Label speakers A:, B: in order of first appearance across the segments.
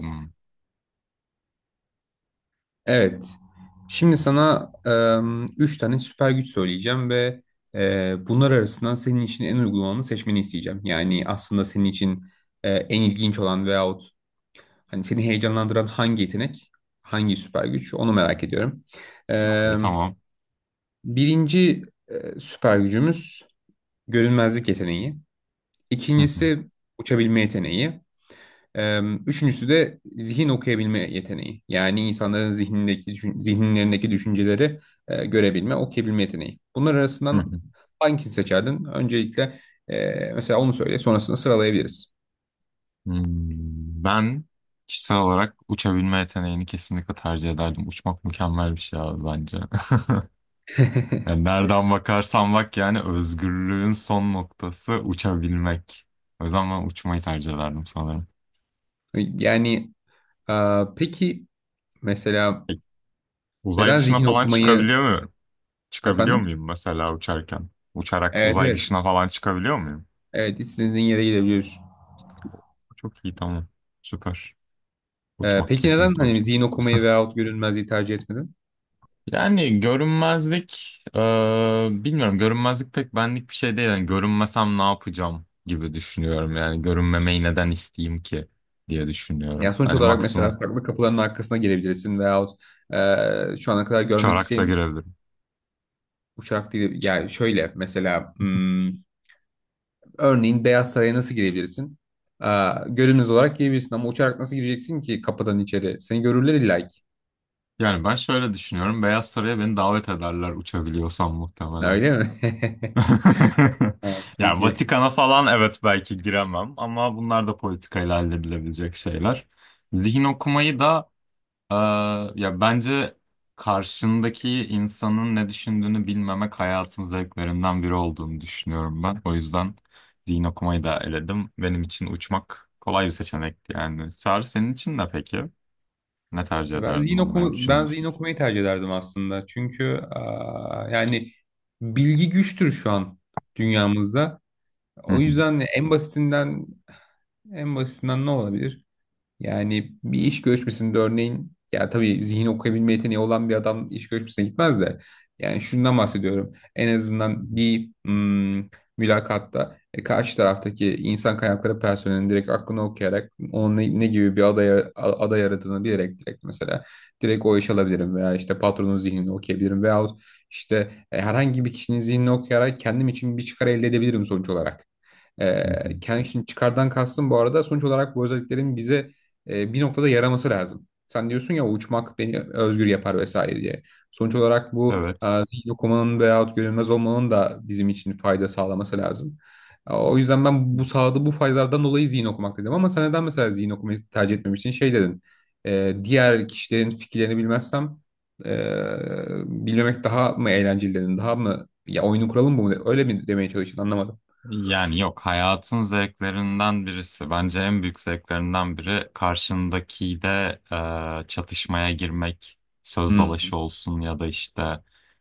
A: Hmm.
B: Evet. Şimdi sana üç tane süper güç söyleyeceğim ve bunlar arasından senin için en uygun olanı seçmeni isteyeceğim. Yani aslında senin için en ilginç olan veyahut hani seni heyecanlandıran hangi yetenek, hangi süper güç onu merak ediyorum.
A: Okey,
B: Em,
A: tamam.
B: Birinci süper gücümüz görünmezlik yeteneği.
A: Hı hı,
B: İkincisi uçabilme yeteneği. Ee, Üçüncüsü de zihin okuyabilme yeteneği. Yani insanların zihnindeki, zihinlerindeki düşünceleri görebilme, okuyabilme yeteneği. Bunlar
A: hı
B: arasından
A: hı.
B: hangisini seçerdin? Öncelikle mesela onu söyle, sonrasında sıralayabiliriz.
A: Ben kişisel olarak uçabilme yeteneğini kesinlikle tercih ederdim. Uçmak mükemmel bir şey abi bence. Yani nereden bakarsan bak, yani özgürlüğün son noktası uçabilmek. O yüzden ben uçmayı tercih ederdim sanırım.
B: Yani e, peki mesela
A: Peki, uzay
B: neden
A: dışına
B: zihin
A: falan
B: okumayı
A: çıkabiliyor muyum? Çıkabiliyor
B: efendim?
A: muyum mesela uçarken? Uçarak
B: Evet,
A: uzay
B: evet.
A: dışına falan çıkabiliyor muyum?
B: Evet, istediğin yere gidebiliyorsun.
A: Çok iyi, tamam. Süper. Uçmak,
B: Peki neden
A: kesinlikle
B: hani
A: uçmak.
B: zihin okumayı veyahut görünmezliği tercih etmedin?
A: Yani görünmezlik, bilmiyorum, görünmezlik pek benlik bir şey değil. Yani görünmesem ne yapacağım gibi düşünüyorum. Yani görünmemeyi neden isteyeyim ki diye düşünüyorum.
B: Yani sonuç
A: Hani
B: olarak mesela
A: maksimum
B: saklı kapıların arkasına girebilirsin veyahut şu ana kadar görmek
A: uçarak da
B: isteyen
A: girebilirim.
B: uçak değil. Yani şöyle mesela örneğin Beyaz Saray'a nasıl girebilirsin? E, Görünüz olarak girebilirsin ama uçarak nasıl gireceksin ki kapıdan içeri? Seni görürler illa ki.
A: Yani ben şöyle düşünüyorum. Beyaz Saray'a beni davet ederler uçabiliyorsam muhtemelen.
B: Öyle mi? Ha,
A: Yani
B: peki.
A: Vatikan'a falan, evet, belki giremem ama bunlar da politikayla halledilebilecek şeyler. Zihin okumayı da. Ee, ya bence karşındaki insanın ne düşündüğünü bilmemek hayatın zevklerinden biri olduğunu düşünüyorum ben. O yüzden din okumayı da eledim. Benim için uçmak kolay bir seçenekti yani. Çağrı, senin için ne peki? Ne tercih
B: Ya Ben
A: ederdin,
B: zihin
A: onların
B: okuma, ben
A: düşüncesi?
B: zihin okumayı tercih ederdim aslında. Çünkü yani bilgi güçtür şu an dünyamızda.
A: Hı
B: O
A: hı.
B: yüzden en basitinden ne olabilir? Yani bir iş görüşmesinde örneğin, ya tabii zihin okuyabilme yeteneği olan bir adam iş görüşmesine gitmez de yani şundan bahsediyorum. En azından bir mülakatta, karşı taraftaki insan kaynakları personelinin direkt aklını okuyarak onun ne gibi bir aday, aday aradığını bilerek, direkt mesela direkt o iş alabilirim veya işte patronun zihnini okuyabilirim veyahut işte herhangi bir kişinin zihnini okuyarak kendim için bir çıkar elde edebilirim sonuç olarak.
A: Hı hı.
B: Kendim için çıkardan kastım bu arada, sonuç olarak bu özelliklerin bize bir noktada yaraması lazım. Sen diyorsun ya, uçmak beni özgür yapar vesaire diye. Sonuç olarak bu
A: Evet.
B: zihin okumanın veyahut görünmez olmanın da bizim için fayda sağlaması lazım. O yüzden ben bu sağladığı bu faydalardan dolayı zihin okumak dedim, ama sen neden mesela zihin okumayı tercih etmemişsin? Şey dedin, diğer kişilerin fikirlerini bilmezsem e, bilmemek daha mı eğlenceli dedin, daha mı, ya oyunun kuralı mı bu, öyle mi demeye çalıştın, anlamadım.
A: Yani yok, hayatın zevklerinden birisi. Bence en büyük zevklerinden biri karşındakiyle çatışmaya girmek. Söz dalaşı
B: Hmm.
A: olsun ya da işte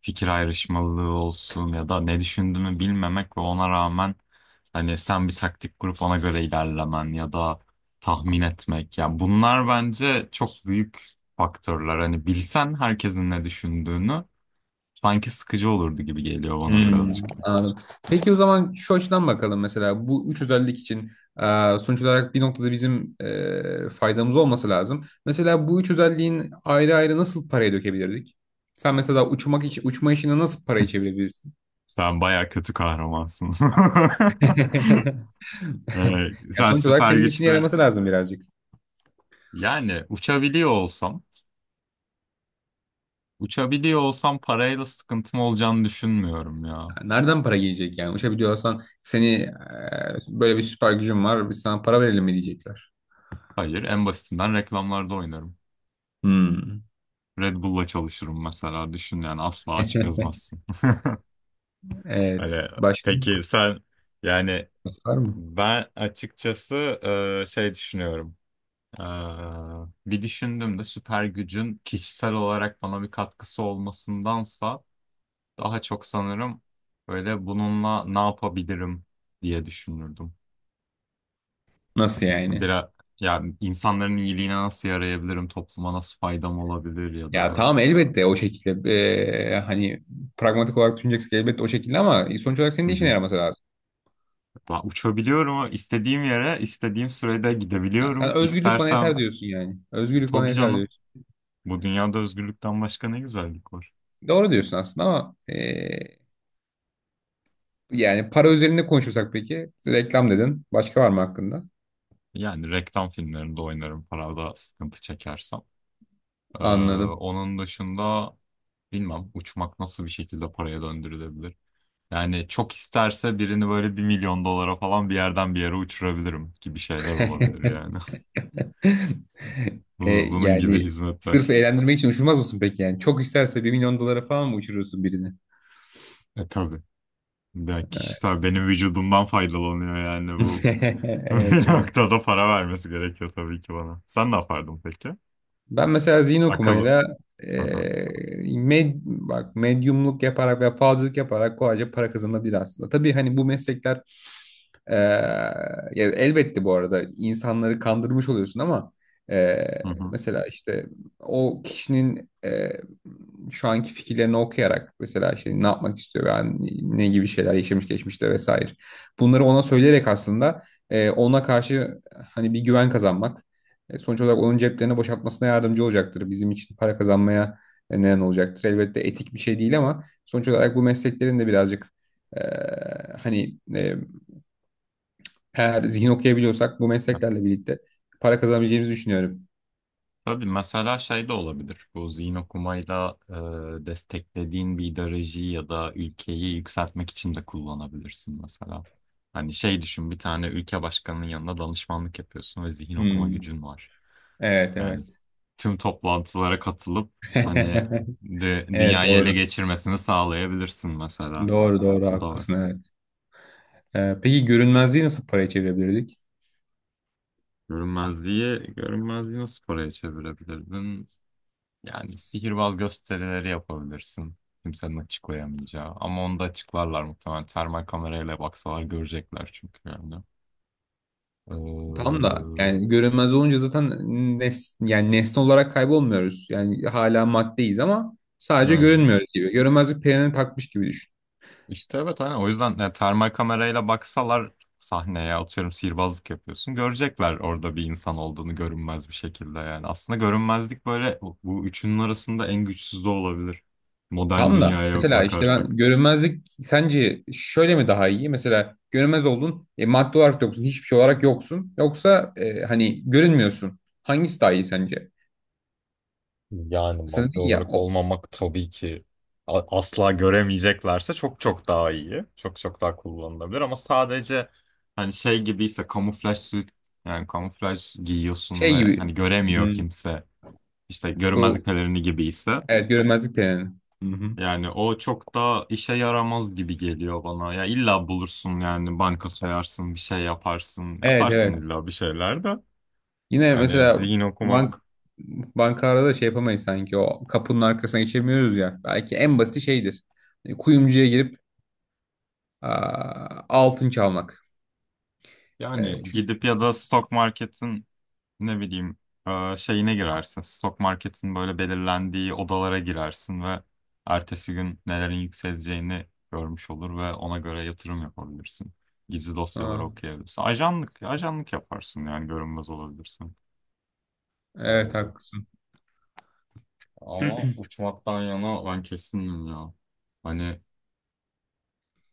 A: fikir ayrışmalığı olsun ya da ne düşündüğünü bilmemek ve ona rağmen hani sen bir taktik kurup ona göre ilerlemen ya da tahmin etmek. Ya bunlar bence çok büyük faktörler. Hani bilsen herkesin ne düşündüğünü, sanki sıkıcı olurdu gibi geliyor bana
B: Hmm,
A: birazcık.
B: anladım. Peki o zaman şu açıdan bakalım, mesela bu üç özellik için sonuç olarak bir noktada bizim faydamız olması lazım. Mesela bu üç özelliğin ayrı ayrı nasıl paraya dökebilirdik? Sen mesela uçma işine nasıl parayı çevirebilirsin?
A: Sen baya kötü kahramansın. Ee,
B: Yani
A: sen
B: sonuç olarak
A: süper
B: senin işine
A: güçleri...
B: yaraması lazım birazcık.
A: Yani uçabiliyor olsam, parayla sıkıntım olacağını düşünmüyorum ya.
B: Yani nereden para gelecek yani? Uçabiliyorsan, seni, böyle bir süper gücün var, biz sana para verelim mi diyecekler.
A: Hayır, en basitinden reklamlarda oynarım.
B: Hmm,
A: Red Bull'la çalışırım mesela, düşün, yani asla aç gezmezsin.
B: evet.
A: Öyle.
B: Başka
A: Peki sen, yani
B: var mı?
A: ben açıkçası şey düşünüyorum. Ee, bir düşündüm de, süper gücün kişisel olarak bana bir katkısı olmasındansa daha çok sanırım böyle bununla ne yapabilirim diye düşünürdüm.
B: Nasıl yani?
A: Biraz yani insanların iyiliğine nasıl yarayabilirim, topluma nasıl faydam olabilir ya
B: Ya
A: da...
B: tamam, elbette o şekilde hani pragmatik olarak düşüneceksin elbette o şekilde, ama sonuç olarak senin
A: Hı
B: de işine
A: hı.
B: yaraması lazım.
A: Ben uçabiliyorum ama istediğim yere, istediğim sürede
B: Ha,
A: gidebiliyorum.
B: sen özgürlük bana yeter
A: İstersem,
B: diyorsun yani. Özgürlük bana
A: tabii
B: yeter
A: canım.
B: diyorsun.
A: Bu dünyada özgürlükten başka ne güzellik var.
B: Doğru diyorsun aslında ama yani para üzerinde konuşursak, peki reklam dedin. Başka var mı hakkında?
A: Yani reklam filmlerinde oynarım, parada sıkıntı çekersem. Ee,
B: Anladım.
A: onun dışında bilmem uçmak nasıl bir şekilde paraya döndürülebilir. Yani çok isterse birini böyle 1 milyon dolara falan bir yerden bir yere uçurabilirim gibi şeyler olabilir yani. Bunun gibi
B: Yani sırf
A: hizmetler.
B: eğlendirmek için uçurmaz mısın peki yani? Çok isterse 1 milyon dolara falan mı uçurursun birini?
A: E tabii. Ben
B: Evet.
A: kişisel, benim vücudumdan faydalanıyor yani bu.
B: Evet,
A: Bir
B: evet.
A: noktada para vermesi gerekiyor tabii ki bana. Sen ne yapardın peki?
B: Ben mesela zihin
A: Akıllı.
B: okumayla
A: Hı hı.
B: eee, bak, medyumluk yaparak veya falcılık yaparak kolayca para kazanabilir aslında. Tabii hani bu meslekler, eee, ya elbette bu arada insanları kandırmış oluyorsun ama
A: Hı hı.
B: mesela işte o kişinin şu anki fikirlerini okuyarak, mesela şey ne yapmak istiyor yani, ne gibi şeyler yaşamış geçmişte vesaire. Bunları ona söyleyerek aslında, ona karşı hani bir güven kazanmak, sonuç olarak onun ceplerini boşaltmasına yardımcı olacaktır. Bizim için para kazanmaya neden olacaktır. Elbette etik bir şey değil ama sonuç olarak bu mesleklerin de birazcık, e, hani, eğer zihin okuyabiliyorsak bu mesleklerle birlikte para kazanabileceğimizi düşünüyorum.
A: Tabii, mesela şey de olabilir. Bu zihin okumayla desteklediğin bir ideolojiyi ya da ülkeyi yükseltmek için de kullanabilirsin mesela. Hani şey düşün, bir tane ülke başkanının yanında danışmanlık yapıyorsun ve zihin okuma
B: Hmm.
A: gücün var.
B: Evet,
A: Yani
B: evet.
A: tüm toplantılara katılıp, hani,
B: Evet,
A: dünyayı ele
B: doğru.
A: geçirmesini sağlayabilirsin mesela.
B: Doğru, doğru.
A: Bu da var.
B: Haklısın, evet. Peki görünmezliği nasıl paraya çevirebilirdik?
A: Görünmezliği, görünmezliği nasıl paraya çevirebilirdin? Yani sihirbaz gösterileri yapabilirsin. Kimsenin açıklayamayacağı. Ama onu da açıklarlar muhtemelen. Termal kamerayla baksalar görecekler çünkü yani.
B: Tam da
A: Ee,
B: yani, görünmez olunca zaten yani nesne olarak kaybolmuyoruz. Yani hala maddeyiz ama sadece
A: öyle.
B: görünmüyoruz gibi. Görünmezlik pelerini takmış gibi düşün.
A: İşte evet, hani o yüzden yani termal kamerayla baksalar, sahneye atıyorum, sihirbazlık yapıyorsun. Görecekler orada bir insan olduğunu, görünmez bir şekilde yani. Aslında görünmezlik böyle, bu üçünün arasında en güçsüz de olabilir. Modern
B: Tam da
A: dünyaya
B: mesela işte, ben
A: bakarsak.
B: görünmezlik sence şöyle mi daha iyi? Mesela görünmez oldun, madde olarak yoksun, hiçbir şey olarak yoksun. Yoksa hani görünmüyorsun. Hangisi daha iyi sence?
A: Yani
B: Mesela
A: madde
B: dedin ya,
A: olarak
B: o
A: olmamak tabii ki, asla göremeyeceklerse, çok çok daha iyi. Çok çok daha kullanılabilir ama sadece hani şey gibiyse, kamuflaj suit, yani kamuflaj giyiyorsun
B: şey
A: ve
B: gibi.
A: hani göremiyor
B: Hmm,
A: kimse, işte görünmezlik
B: bu,
A: pelerini gibiyse,
B: evet, görünmezlik pelerini. Hı hı.
A: yani o çok daha işe yaramaz gibi geliyor bana. Ya illa bulursun yani, banka soyarsın, bir şey yaparsın,
B: Evet,
A: yaparsın
B: evet.
A: illa bir şeyler de.
B: Yine
A: Hani
B: mesela
A: zihin
B: bank
A: okumak,
B: bankalarda da şey yapamayız sanki, o kapının arkasına geçemiyoruz ya. Belki en basiti şeydir. Hani kuyumcuya girip altın çalmak.
A: yani
B: E, çünkü
A: gidip ya da stok marketin, ne bileyim, şeyine girersin. Stok marketin böyle belirlendiği odalara girersin ve ertesi gün nelerin yükseleceğini görmüş olur ve ona göre yatırım yapabilirsin. Gizli dosyaları
B: Ha,
A: okuyabilirsin. Ajanlık yaparsın, yani görünmez olabilirsin.
B: evet
A: Herhalde.
B: haklısın.
A: Ama uçmaktan yana ben kesindim ya. Hani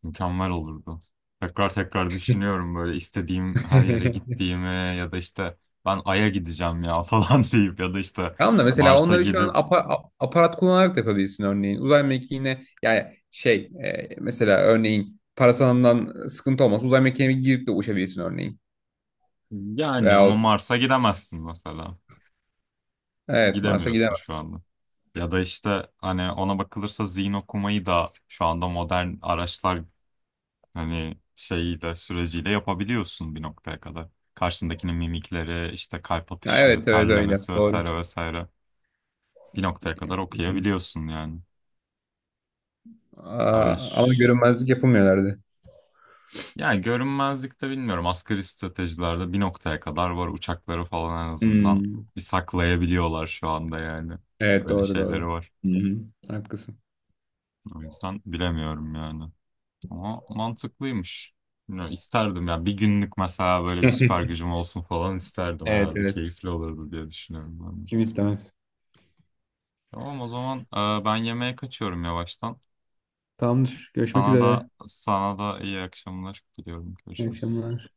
A: mükemmel olurdu. Tekrar tekrar düşünüyorum böyle, istediğim her yere gittiğimi ya da işte ben Ay'a gideceğim ya falan deyip, ya da işte
B: Tamam da mesela
A: Mars'a
B: onları şu an
A: gidip...
B: aparat kullanarak da yapabilirsin örneğin. Uzay mekiğine yani mesela örneğin parasanından sıkıntı olmaz. Uzay mekiğine girip de uçabilirsin örneğin.
A: Yani ama
B: Veyahut,
A: Mars'a gidemezsin mesela.
B: evet, Mars'a
A: Gidemiyorsun şu
B: gidemezsin.
A: anda. Ya da işte hani ona bakılırsa, zihin okumayı da şu anda modern araçlar hani şeyiyle, süreciyle yapabiliyorsun bir noktaya kadar. Karşındakinin mimikleri, işte kalp
B: Ya
A: atışı,
B: evet, evet, öyle
A: terlemesi
B: doğru.
A: vesaire vesaire, bir noktaya kadar okuyabiliyorsun yani. Ya böyle
B: Aa, ama görünmezlik yapamıyorlardı.
A: yani görünmezlikte bilmiyorum, asgari stratejilerde bir noktaya kadar var, uçakları falan en azından
B: Hmm.
A: bir saklayabiliyorlar şu anda yani.
B: Evet,
A: Öyle
B: doğru,
A: şeyleri
B: doğru.
A: var.
B: Hı hı. Haklısın.
A: O yüzden bilemiyorum yani. Ama mantıklıymış. Bilmiyorum, isterdim ya. Bir günlük mesela böyle bir süper gücüm olsun falan isterdim.
B: Evet,
A: Herhalde
B: evet.
A: keyifli olurdu diye düşünüyorum ben de.
B: Kim istemez.
A: Tamam, o zaman ben yemeğe kaçıyorum yavaştan.
B: Tamamdır. Görüşmek
A: Sana
B: üzere.
A: da, sana da iyi akşamlar diliyorum.
B: İyi
A: Görüşürüz.
B: akşamlar.